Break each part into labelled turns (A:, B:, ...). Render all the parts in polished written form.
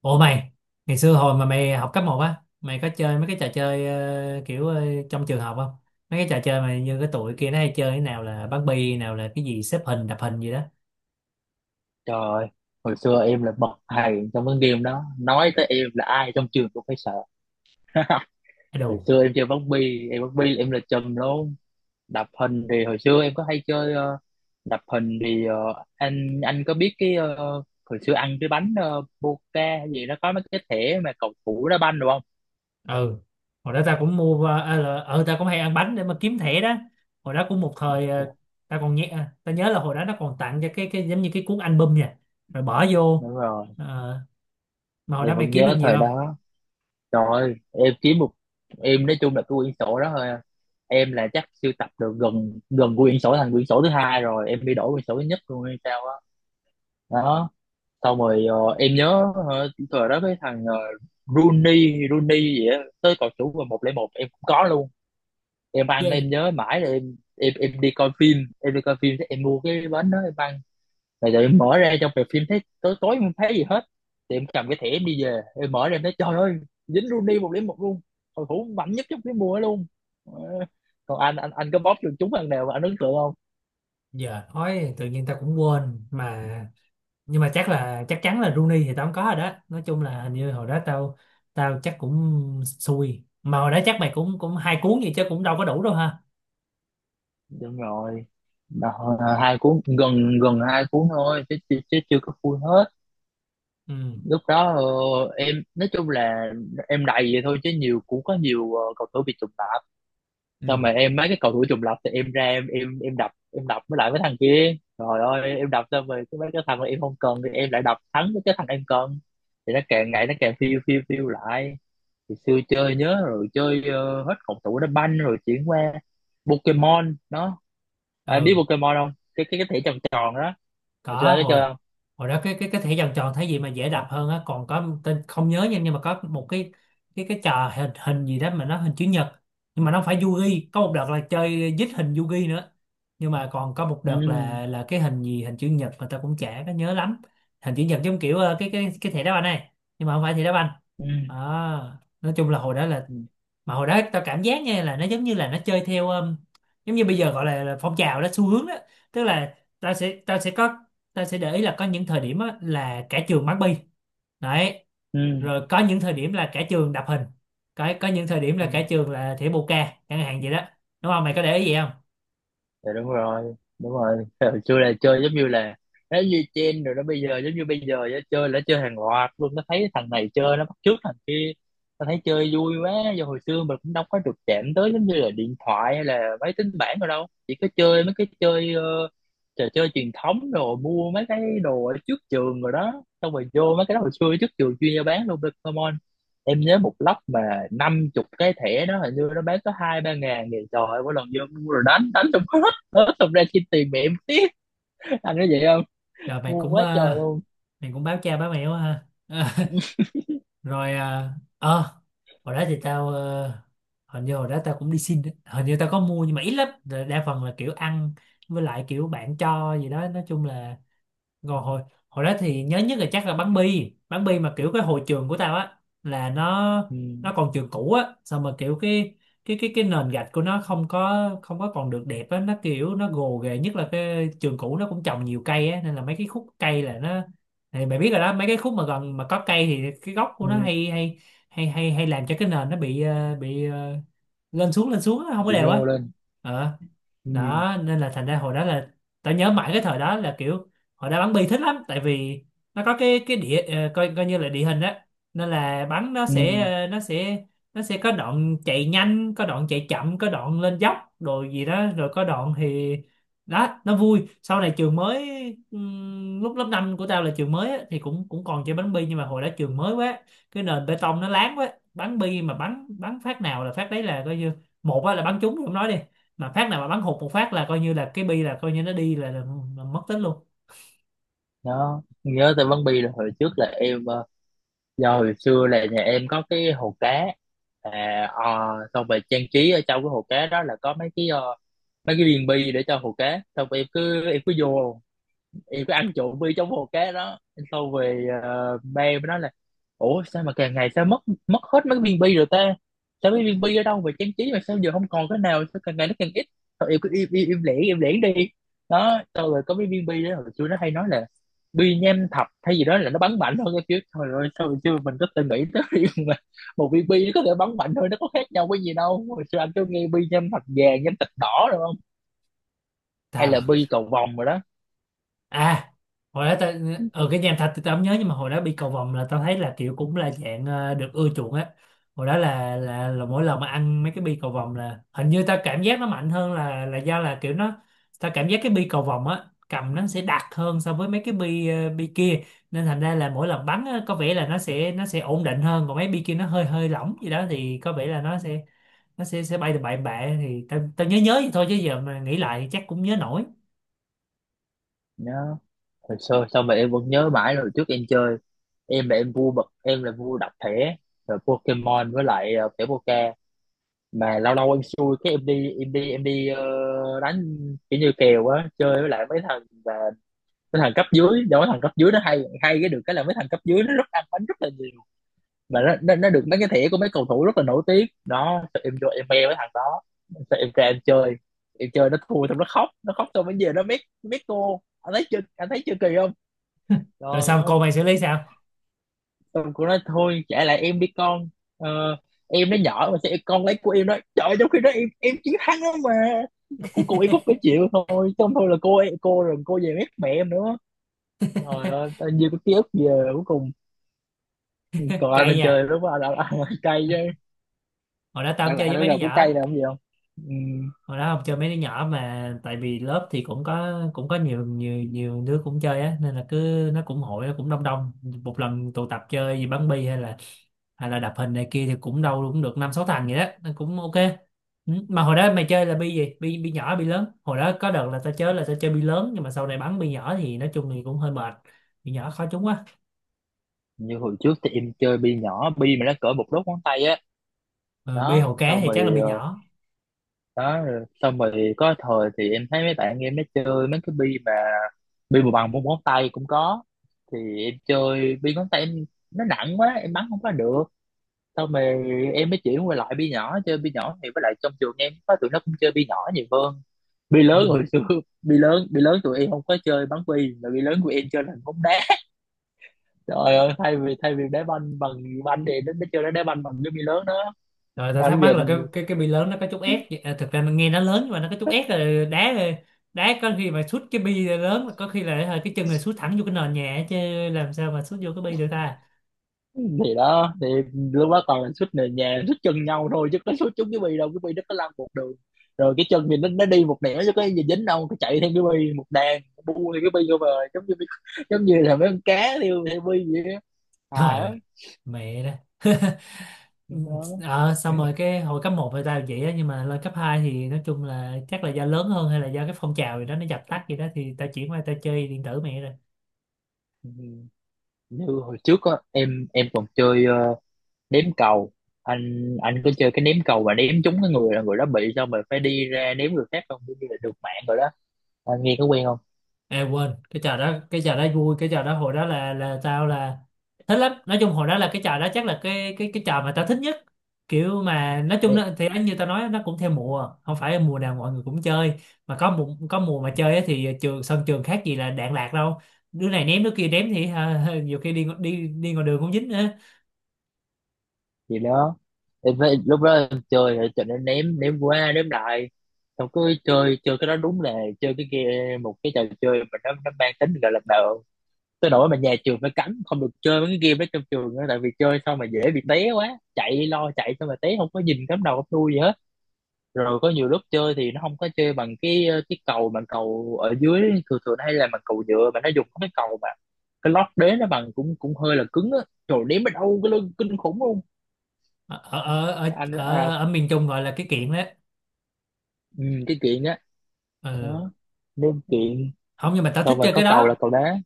A: Ủa mày, ngày xưa hồi mà mày học cấp 1 á, mày có chơi mấy cái trò chơi kiểu trong trường học không? Mấy cái trò chơi mà như cái tụi kia nó hay chơi cái nào là bắn bi, nào là cái gì xếp hình, đập hình gì đó.
B: Trời ơi, hồi xưa em là bậc thầy trong cái game đó. Nói tới em là ai trong trường cũng phải sợ.
A: Cái
B: Hồi
A: Đồ.
B: xưa em chơi bóng bi, em bóng bi là em là trùm luôn. Đập hình thì hồi xưa em có hay chơi đập hình thì anh có biết cái hồi xưa ăn cái bánh Boca hay gì nó có mấy cái thẻ mà cầu thủ đá banh đúng không?
A: Ừ. Hồi đó ta cũng mua ờ à, là- ờ, ta cũng hay ăn bánh để mà kiếm thẻ đó. Hồi đó cũng một thời
B: Trời,
A: ta còn nhẹ à, ta nhớ là hồi đó nó còn tặng cho cái giống như cái cuốn album nha. Rồi bỏ vô.
B: đúng rồi,
A: Ờ, mà hồi
B: em
A: đó mày
B: vẫn
A: kiếm được
B: nhớ
A: nhiều
B: thời
A: không?
B: đó. Trời ơi, em kiếm một, em nói chung là cái quyển sổ đó thôi à. Em là chắc sưu tập được gần gần quyển sổ thành quyển sổ thứ hai rồi em đi đổi quyển sổ thứ nhất luôn hay sao á đó. Xong rồi em nhớ thời đó cái thằng Rooney Rooney gì á tới cầu thủ và 101 em cũng có luôn. Em
A: Dạ.
B: ăn, em nhớ mãi là em đi coi phim, em đi coi phim, em mua cái bánh đó em ăn rồi giờ em mở ra trong rạp phim thấy tối tối em không thấy gì hết. Thì em cầm cái thẻ em đi về, em mở ra em thấy trời ơi, dính Rooney một điểm một luôn. Cầu thủ mạnh nhất trong cái mùa ấy luôn. Ờ, Còn anh có bóp được chúng lần nào mà anh ấn tượng không?
A: Giờ nói tự nhiên ta cũng quên mà, nhưng mà chắc là chắc chắn là Rooney thì tao không có rồi đó. Nói chung là hình như hồi đó tao tao chắc cũng xui, mà hồi đó chắc mày cũng cũng hai cuốn vậy chứ cũng đâu có đủ đâu ha.
B: Đúng rồi. Đó, hai cuốn, gần gần hai cuốn thôi chứ chưa có full hết.
A: Ừ,
B: Lúc đó em nói chung là em đầy vậy thôi chứ nhiều cũng có nhiều cầu thủ bị trùng lặp. Xong
A: ừ.
B: mà em mấy cái cầu thủ trùng lập thì em ra em đập, em đập với lại mấy thằng kia rồi ơi em đập xong rồi cái mấy cái thằng mà em không cần thì em lại đập thắng với cái thằng em cần thì nó càng ngày nó càng phiêu phiêu phiêu lại. Thì xưa chơi nhớ rồi chơi hết cầu thủ đá banh rồi chuyển qua Pokemon đó. À, biết
A: Ừ.
B: Pokemon không? Cái thẻ tròn tròn đó hồi
A: Có
B: xưa nó chơi
A: hồi
B: không?
A: hồi đó cái thẻ vòng tròn thấy gì mà dễ đập hơn á, còn có tên không nhớ nha, nhưng mà có một cái trò hình hình gì đó mà nó hình chữ nhật. Nhưng mà nó không phải Yugi, có một đợt là chơi dít hình Yugi nữa, nhưng mà còn có một đợt
B: ừ
A: là cái hình gì hình chữ nhật mà tao cũng chả có nhớ lắm. Hình chữ nhật giống kiểu cái thẻ đá banh này, nhưng mà không phải thẻ đá banh.
B: ừ
A: à, nói chung là hồi đó là,
B: ừ
A: mà hồi đó tao cảm giác nha, là nó giống như là nó chơi theo, giống như bây giờ gọi là phong trào đó, xu hướng đó. Tức là tao sẽ có, tao sẽ để ý là có những thời điểm á, là cả trường bắn bi đấy.
B: ừ
A: Rồi có những thời điểm là cả trường đập hình, có những thời điểm
B: ừ.
A: là cả trường là thỉa bồ ca chẳng hạn vậy đó. Đúng không, mày có để ý vậy không?
B: Dạ đúng rồi, đúng rồi. Hồi xưa là chơi giống như là nó như trend rồi đó, bây giờ giống như bây giờ á, chơi là chơi hàng loạt luôn, nó thấy thằng này chơi nó bắt chước thằng kia, nó thấy chơi vui quá. Do hồi xưa mình cũng đâu có được chạm tới giống như là điện thoại hay là máy tính bảng rồi đâu, chỉ có chơi mấy cái chơi trò chơi truyền thống rồi mua mấy cái đồ ở trước trường rồi đó, xong rồi vô mấy cái đó. Hồi xưa trước trường chuyên gia bán luôn Pokemon, em nhớ một lốc mà 50 cái thẻ đó hình như nó bán có 2 3 ngàn thì trời ơi mỗi lần vô mua rồi đánh đánh trong đó. Ớ thật ra chi tiền mẹ em tiếc, anh nói vậy không,
A: Rồi mày
B: ngu
A: cũng
B: quá
A: ờ,
B: trời luôn.
A: mày cũng báo cha báo mẹ quá ha. Ờ. Rồi hồi đó thì tao hình như hồi đó tao cũng đi xin á. Hình như tao có mua nhưng mà ít lắm. Rồi đa phần là kiểu ăn, với lại kiểu bạn cho gì đó, nói chung là. Rồi hồi hồi đó thì nhớ nhất là chắc là bắn bi. Bắn bi mà kiểu cái hồi trường của tao á, là nó
B: Ừ,
A: nó còn trường cũ á, xong mà kiểu cái nền gạch của nó không có còn được đẹp á, nó kiểu nó gồ ghề. Nhất là cái trường cũ nó cũng trồng nhiều cây á, nên là mấy cái khúc cây là nó, thì mày biết rồi đó, mấy cái khúc mà gần mà có cây thì cái gốc của nó
B: ừ,
A: hay hay hay hay hay làm cho cái nền nó bị lên xuống á, không có
B: bị
A: đều
B: nhô
A: á.
B: lên.
A: ờ
B: Ừ,
A: Đó nên là thành ra hồi đó là, tao nhớ mãi cái thời đó là kiểu hồi đó bắn bi thích lắm. Tại vì nó có cái coi coi như là địa hình á, nên là bắn nó sẽ
B: ừ,
A: ờ, nó sẽ có đoạn chạy nhanh, có đoạn chạy chậm, có đoạn lên dốc rồi gì đó, rồi có đoạn thì, đó nó vui. Sau này trường mới, lúc lớp 5 của tao là trường mới á, thì cũng cũng còn chơi bắn bi, nhưng mà hồi đó trường mới quá, cái nền bê tông nó láng quá. Bắn bi mà bắn bắn phát nào là phát đấy. Là coi như một á, là bắn trúng thì không nói đi, mà phát nào mà bắn hụt một phát là coi như là cái bi là coi như nó đi là mất tích luôn.
B: đó nhớ tới Bắn Bi là hồi trước là em do hồi xưa là nhà em có cái hồ cá. À, ờ, xong rồi trang trí ở trong cái hồ cá đó là có mấy cái mấy cái viên bi để cho hồ cá, xong rồi em cứ vô thì cứ ăn trộm bi trong hồ cá đó. Sau về, ba mới nói là ủa sao mà càng ngày sao mất, mất hết mấy viên bi rồi ta, sao mấy viên bi ở đâu về trang trí mà sao giờ không còn cái nào, sao càng ngày nó càng ít. Thôi em cứ im im im lẻn đi. Đó sau rồi có mấy viên bi đó, hồi xưa nó hay nói là bi nham thạch hay gì đó là nó bắn mạnh hơn cái kiểu. Thôi rồi sao hồi xưa mình có từng nghĩ tới việc mà một viên bi nó có thể bắn mạnh thôi, nó có khác nhau cái gì đâu. Hồi xưa anh cứ nghe bi nham thạch vàng, nham thạch đỏ rồi không hay là
A: Tào.
B: bi cầu vồng rồi đó.
A: À, hồi đó tao ở cái nhà thạch thì tao không nhớ, nhưng mà hồi đó bị cầu vồng là tao thấy là kiểu cũng là dạng được ưa chuộng á. Hồi đó là mỗi lần mà ăn mấy cái bi cầu vồng là hình như tao cảm giác nó mạnh hơn, là do là kiểu nó, tao cảm giác cái bi cầu vồng á, cầm nó sẽ đặc hơn so với mấy cái bi kia. Nên thành ra là mỗi lần bắn á, có vẻ là nó sẽ ổn định hơn, còn mấy bi kia nó hơi hơi lỏng gì đó thì có vẻ là nó sẽ, nó sẽ bay từ bậy bạ, thì tao tao nhớ nhớ vậy thôi chứ giờ mà nghĩ lại chắc cũng nhớ nổi.
B: Đó. Hồi xưa sao mà em vẫn nhớ mãi rồi, trước em chơi, em là em vua bật, em là vua đập thẻ rồi Pokemon với lại thẻ Poké mà lâu lâu em xui cái em đi đánh, kiểu như kèo á, chơi với lại mấy thằng và mấy thằng cấp dưới. Do mấy thằng cấp dưới nó hay hay cái được cái là mấy thằng cấp dưới nó rất ăn bánh rất là nhiều mà nó được mấy cái thẻ của mấy cầu thủ rất là nổi tiếng đó. Sao em vô em bè với thằng đó, sao em ra em chơi, em chơi nó thua xong nó khóc, nó khóc xong mới về nó mét mét cô. Anh thấy chưa, anh thấy chưa, kỳ không? Trời
A: Rồi xong cô
B: ơi,
A: mày xử lý sao?
B: xong cô nói thôi trả lại em đi con, ờ, em nó nhỏ mà sao con lấy của em đó. Trời ơi, trong khi đó em chiến thắng đó mà cuối cùng em cũng phải chịu thôi. Xong thôi là cô, rồi cô về mét mẹ em nữa. Trời ơi tao nhiều cái ký ức về cuối cùng. Còn anh
A: Cay
B: lên
A: nha.
B: chơi lúc đó anh cây chứ,
A: Hồi đó tao không
B: anh là
A: chơi
B: anh
A: với
B: nó
A: mấy đứa
B: gặp cái cây
A: nhỏ.
B: là không gì không. Ừ.
A: Hồi đó không chơi mấy đứa nhỏ, mà tại vì lớp thì cũng có nhiều nhiều nhiều đứa cũng chơi á, nên là cứ nó cũng hội, nó cũng đông đông. Một lần tụ tập chơi gì bắn bi, hay là đập hình này kia, thì cũng đâu cũng được năm sáu thằng vậy đó, nên cũng ok. Ừ, mà hồi đó mày chơi là bi gì, bi bi nhỏ bi lớn? Hồi đó có đợt là tao chơi bi lớn, nhưng mà sau này bắn bi nhỏ thì nói chung thì cũng hơi mệt, bi nhỏ khó trúng quá.
B: Như hồi trước thì em chơi bi nhỏ, bi mà nó cỡ một đốt ngón tay á
A: Ờ, Bi
B: đó,
A: hậu cá
B: xong
A: thì
B: rồi
A: chắc là bi nhỏ.
B: đó, rồi xong rồi có thời thì em thấy mấy bạn em nó chơi mấy cái bi mà bằng một ngón tay cũng có, thì em chơi bi ngón tay em, nó nặng quá em bắn không có được. Xong rồi em mới chuyển qua lại bi nhỏ, chơi bi nhỏ thì với lại trong trường em có tụi nó cũng chơi bi nhỏ nhiều hơn bi lớn.
A: Ừ.
B: Hồi xưa bi lớn tụi em không có chơi bắn bi, mà bi lớn của em chơi là bóng đá. Trời ơi, thay vì đá banh bằng banh thì nó chơi đá banh bằng cái bi lớn đó.
A: Rồi tao
B: À,
A: thắc
B: lúc
A: mắc
B: giờ
A: là cái bi lớn nó có chút ép à, thực ra nó nghe nó lớn nhưng mà nó có chút ép. Là đá đá, có khi mà sút cái bi lớn có khi là hả, cái chân này sút thẳng vô cái nền nhà ấy chứ, làm sao mà sút vô cái bi được ta.
B: thì đó, thì lúc đó toàn là suýt nền nhà, suýt chân nhau thôi chứ có suýt trúng cái bi đâu. Cái bi nó có lăn một đường rồi cái chân thì nó đi một nẻo chứ có gì dính đâu. Cái chạy theo cái bi một đàn bu thì cái bi vô bờ, giống như, giống như là mấy con cá theo theo bi vậy á, hài
A: Trời ơi,
B: lắm
A: mẹ đó.
B: đó.
A: Ờ, Xong rồi cái hồi cấp 1 thì tao vậy á, nhưng mà lên cấp 2 thì nói chung là chắc là do lớn hơn hay là do cái phong trào gì đó nó dập tắt gì đó, thì tao chuyển qua tao chơi điện tử mẹ rồi.
B: Ừ. Như hồi trước á, em còn chơi ném cầu. Anh có chơi cái ném cầu mà ném trúng cái người là người đó bị, xong rồi phải đi ra ném người khác không, giống như là được mạng rồi đó. Anh nghe có quen không?
A: À quên, cái trò đó vui, cái trò đó hồi đó là tao là thích lắm. Nói chung hồi đó là cái trò đó chắc là cái trò mà tao thích nhất. Kiểu mà nói chung nó, thì như tao nói nó cũng theo mùa, không phải mùa nào mọi người cũng chơi, mà có mùa mà chơi á thì sân trường khác gì là đạn lạc đâu. Đứa này ném, đứa kia ném thì ha, nhiều khi đi ngoài đường cũng dính nữa.
B: Gì đó, em phải lúc đó em chơi thì cho nên ném, ném qua ném lại, xong cứ chơi chơi cái đó, đúng là chơi cái game, một cái trò chơi mà nó mang tính gọi là nợ tới nỗi mà nhà trường phải cấm không được chơi mấy cái game đó trong trường nữa, tại vì chơi xong mà dễ bị té quá, chạy lo chạy xong mà té không có nhìn cắm đầu cắm đuôi gì hết. Rồi có nhiều lúc chơi thì nó không có chơi bằng cái cầu bằng cầu ở dưới thường thường, hay là bằng cầu nhựa, mà nó dùng cái cầu mà cái lót đế nó bằng cũng cũng hơi là cứng á, trời đếm ở đâu cái lưng kinh khủng luôn.
A: Ở ở ở
B: Anh à,
A: ở, ở miền Trung gọi là cái kiện đó.
B: ừ, cái chuyện đó
A: Ừ.
B: đó, đúng chuyện.
A: Không, nhưng mà tao
B: Xong
A: thích
B: rồi
A: chơi
B: có
A: cái
B: cầu là
A: đó,
B: cầu đá.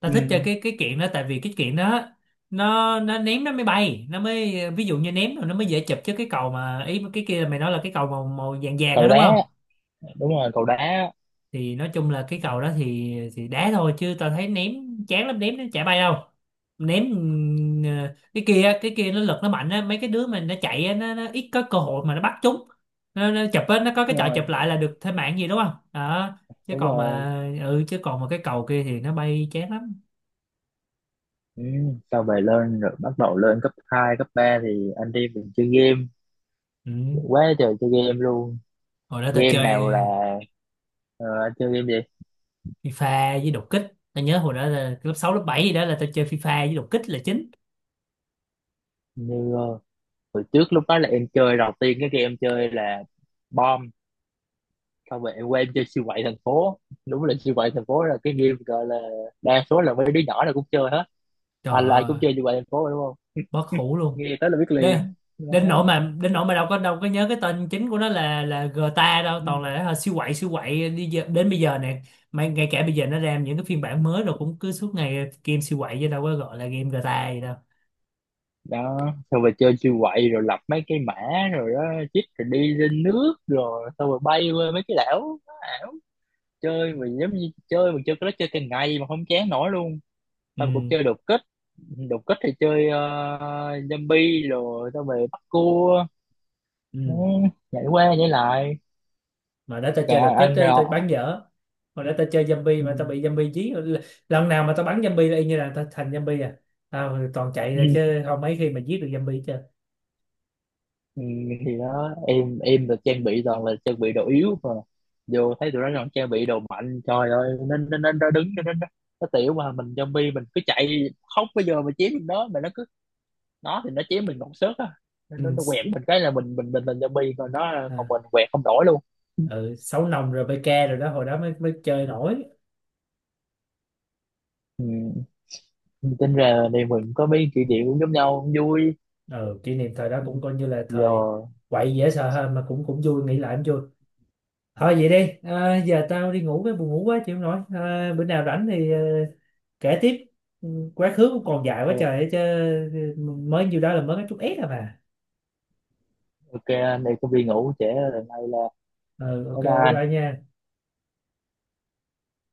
A: tao
B: Ừ,
A: thích chơi cái kiện đó. Tại vì cái kiện đó nó ném nó mới bay, nó mới ví dụ như ném rồi nó mới dễ chụp. Chứ cái cầu mà, ý cái kia là mày nói là cái cầu màu màu vàng vàng đó
B: cầu
A: đúng
B: đá,
A: không?
B: đúng rồi cầu đá.
A: Thì nói chung là cái cầu
B: Ừ,
A: đó thì đá thôi chứ tao thấy ném chán lắm, ném nó chả bay đâu. Ném. Ừ, cái kia nó lực nó mạnh á, mấy cái đứa mà nó chạy á, nó ít có cơ hội mà nó bắt chúng. Nó chụp á, nó có cái
B: đúng
A: trò chụp
B: rồi,
A: lại là được thêm mạng gì đúng không đó. chứ
B: đúng
A: còn
B: rồi.
A: mà ừ chứ còn mà cái cầu kia thì nó bay chán lắm.
B: Ừ. Sau về lên rồi bắt đầu lên cấp 2 cấp 3 thì anh đi, mình chơi game
A: Ừ.
B: quá trời, chơi game luôn.
A: Hồi đó tao
B: Game nào
A: chơi
B: là ờ, anh chơi game gì?
A: FIFA với đột kích. Tao nhớ hồi đó là lớp 6 lớp 7 gì đó là tao chơi FIFA với đột kích là chính.
B: Như hồi trước lúc đó là em chơi đầu tiên, cái game em chơi là bom. Sau về em quen chơi siêu quậy thành phố, đúng là siêu quậy thành phố là cái game gọi là đa số là mấy đứa nhỏ là cũng chơi hết
A: Trời
B: anh, là ai cũng
A: ơi,
B: chơi siêu quậy thành phố, đúng
A: bất hủ luôn.
B: nghe tới là biết
A: đến
B: liền
A: đến nỗi
B: đó.
A: mà đến nỗi mà đâu có nhớ cái tên chính của nó là GTA đâu, toàn
B: Ừ.
A: là hả, siêu quậy đi giờ, đến bây giờ nè. Mà ngay cả bây giờ nó ra những cái phiên bản mới rồi cũng cứ suốt ngày game siêu quậy, chứ đâu có gọi là game GTA gì đâu.
B: Đó xong rồi chơi siêu quậy rồi lập mấy cái mã rồi đó, chích rồi đi lên nước rồi xong rồi bay qua mấy cái đảo. Nó ảo, chơi mà giống như chơi, mà chơi cái đó chơi cả ngày mà không chán nổi luôn. Xong cũng
A: Ừ,
B: chơi đột kích. Đột kích thì chơi zombie rồi xong rồi bắt cua. Ừ,
A: ừ.
B: nhảy qua nhảy lại
A: Mà để tao
B: cả
A: chơi đột kích
B: anh
A: ấy, tao
B: rồi.
A: bắn dở. Mà để tao chơi zombie
B: Ừ.
A: mà tao bị zombie dí, lần nào mà tao bắn zombie là y như là tao thành zombie à. Tao toàn chạy ra
B: Ừ.
A: chứ không mấy khi mà giết được zombie chứ.
B: Ừ, thì đó em được trang bị toàn là trang bị đồ yếu mà vô thấy tụi nó còn trang bị đồ mạnh, trời ơi, nên nên nên nó đứng, nên nó tiểu, mà mình zombie mình cứ chạy khóc. Bây giờ mà chém nó, mà nó cứ nó thì nó chém mình còn sớt á, nên nó,
A: Ừ.
B: nó quẹt mình cái là mình zombie, còn nó còn
A: À,
B: mình quẹt không nổi luôn.
A: ừ. Sáu nòng rồi PK rồi đó, hồi đó mới mới chơi nổi.
B: Ừ. Tính ra đây mình có mấy kỷ niệm cũng giống nhau, cũng vui.
A: Ừ, kỷ niệm thời đó
B: Ừ,
A: cũng coi như là
B: giờ.
A: thời quậy dễ sợ hơn, mà cũng cũng vui, nghĩ lại cũng vui. Thôi vậy đi à, giờ tao đi ngủ, cái buồn ngủ quá chịu không nổi à. Bữa nào rảnh thì kể tiếp. Ừ, quá khứ cũng còn dài quá trời
B: OK,
A: ấy chứ. Ừ, mới nhiêu đó là mới có chút ép à mà.
B: ok anh đây có đi công viên ngủ trễ rồi, nay là,
A: Ừ, ok,
B: bye bye
A: bye
B: anh.
A: bye nha.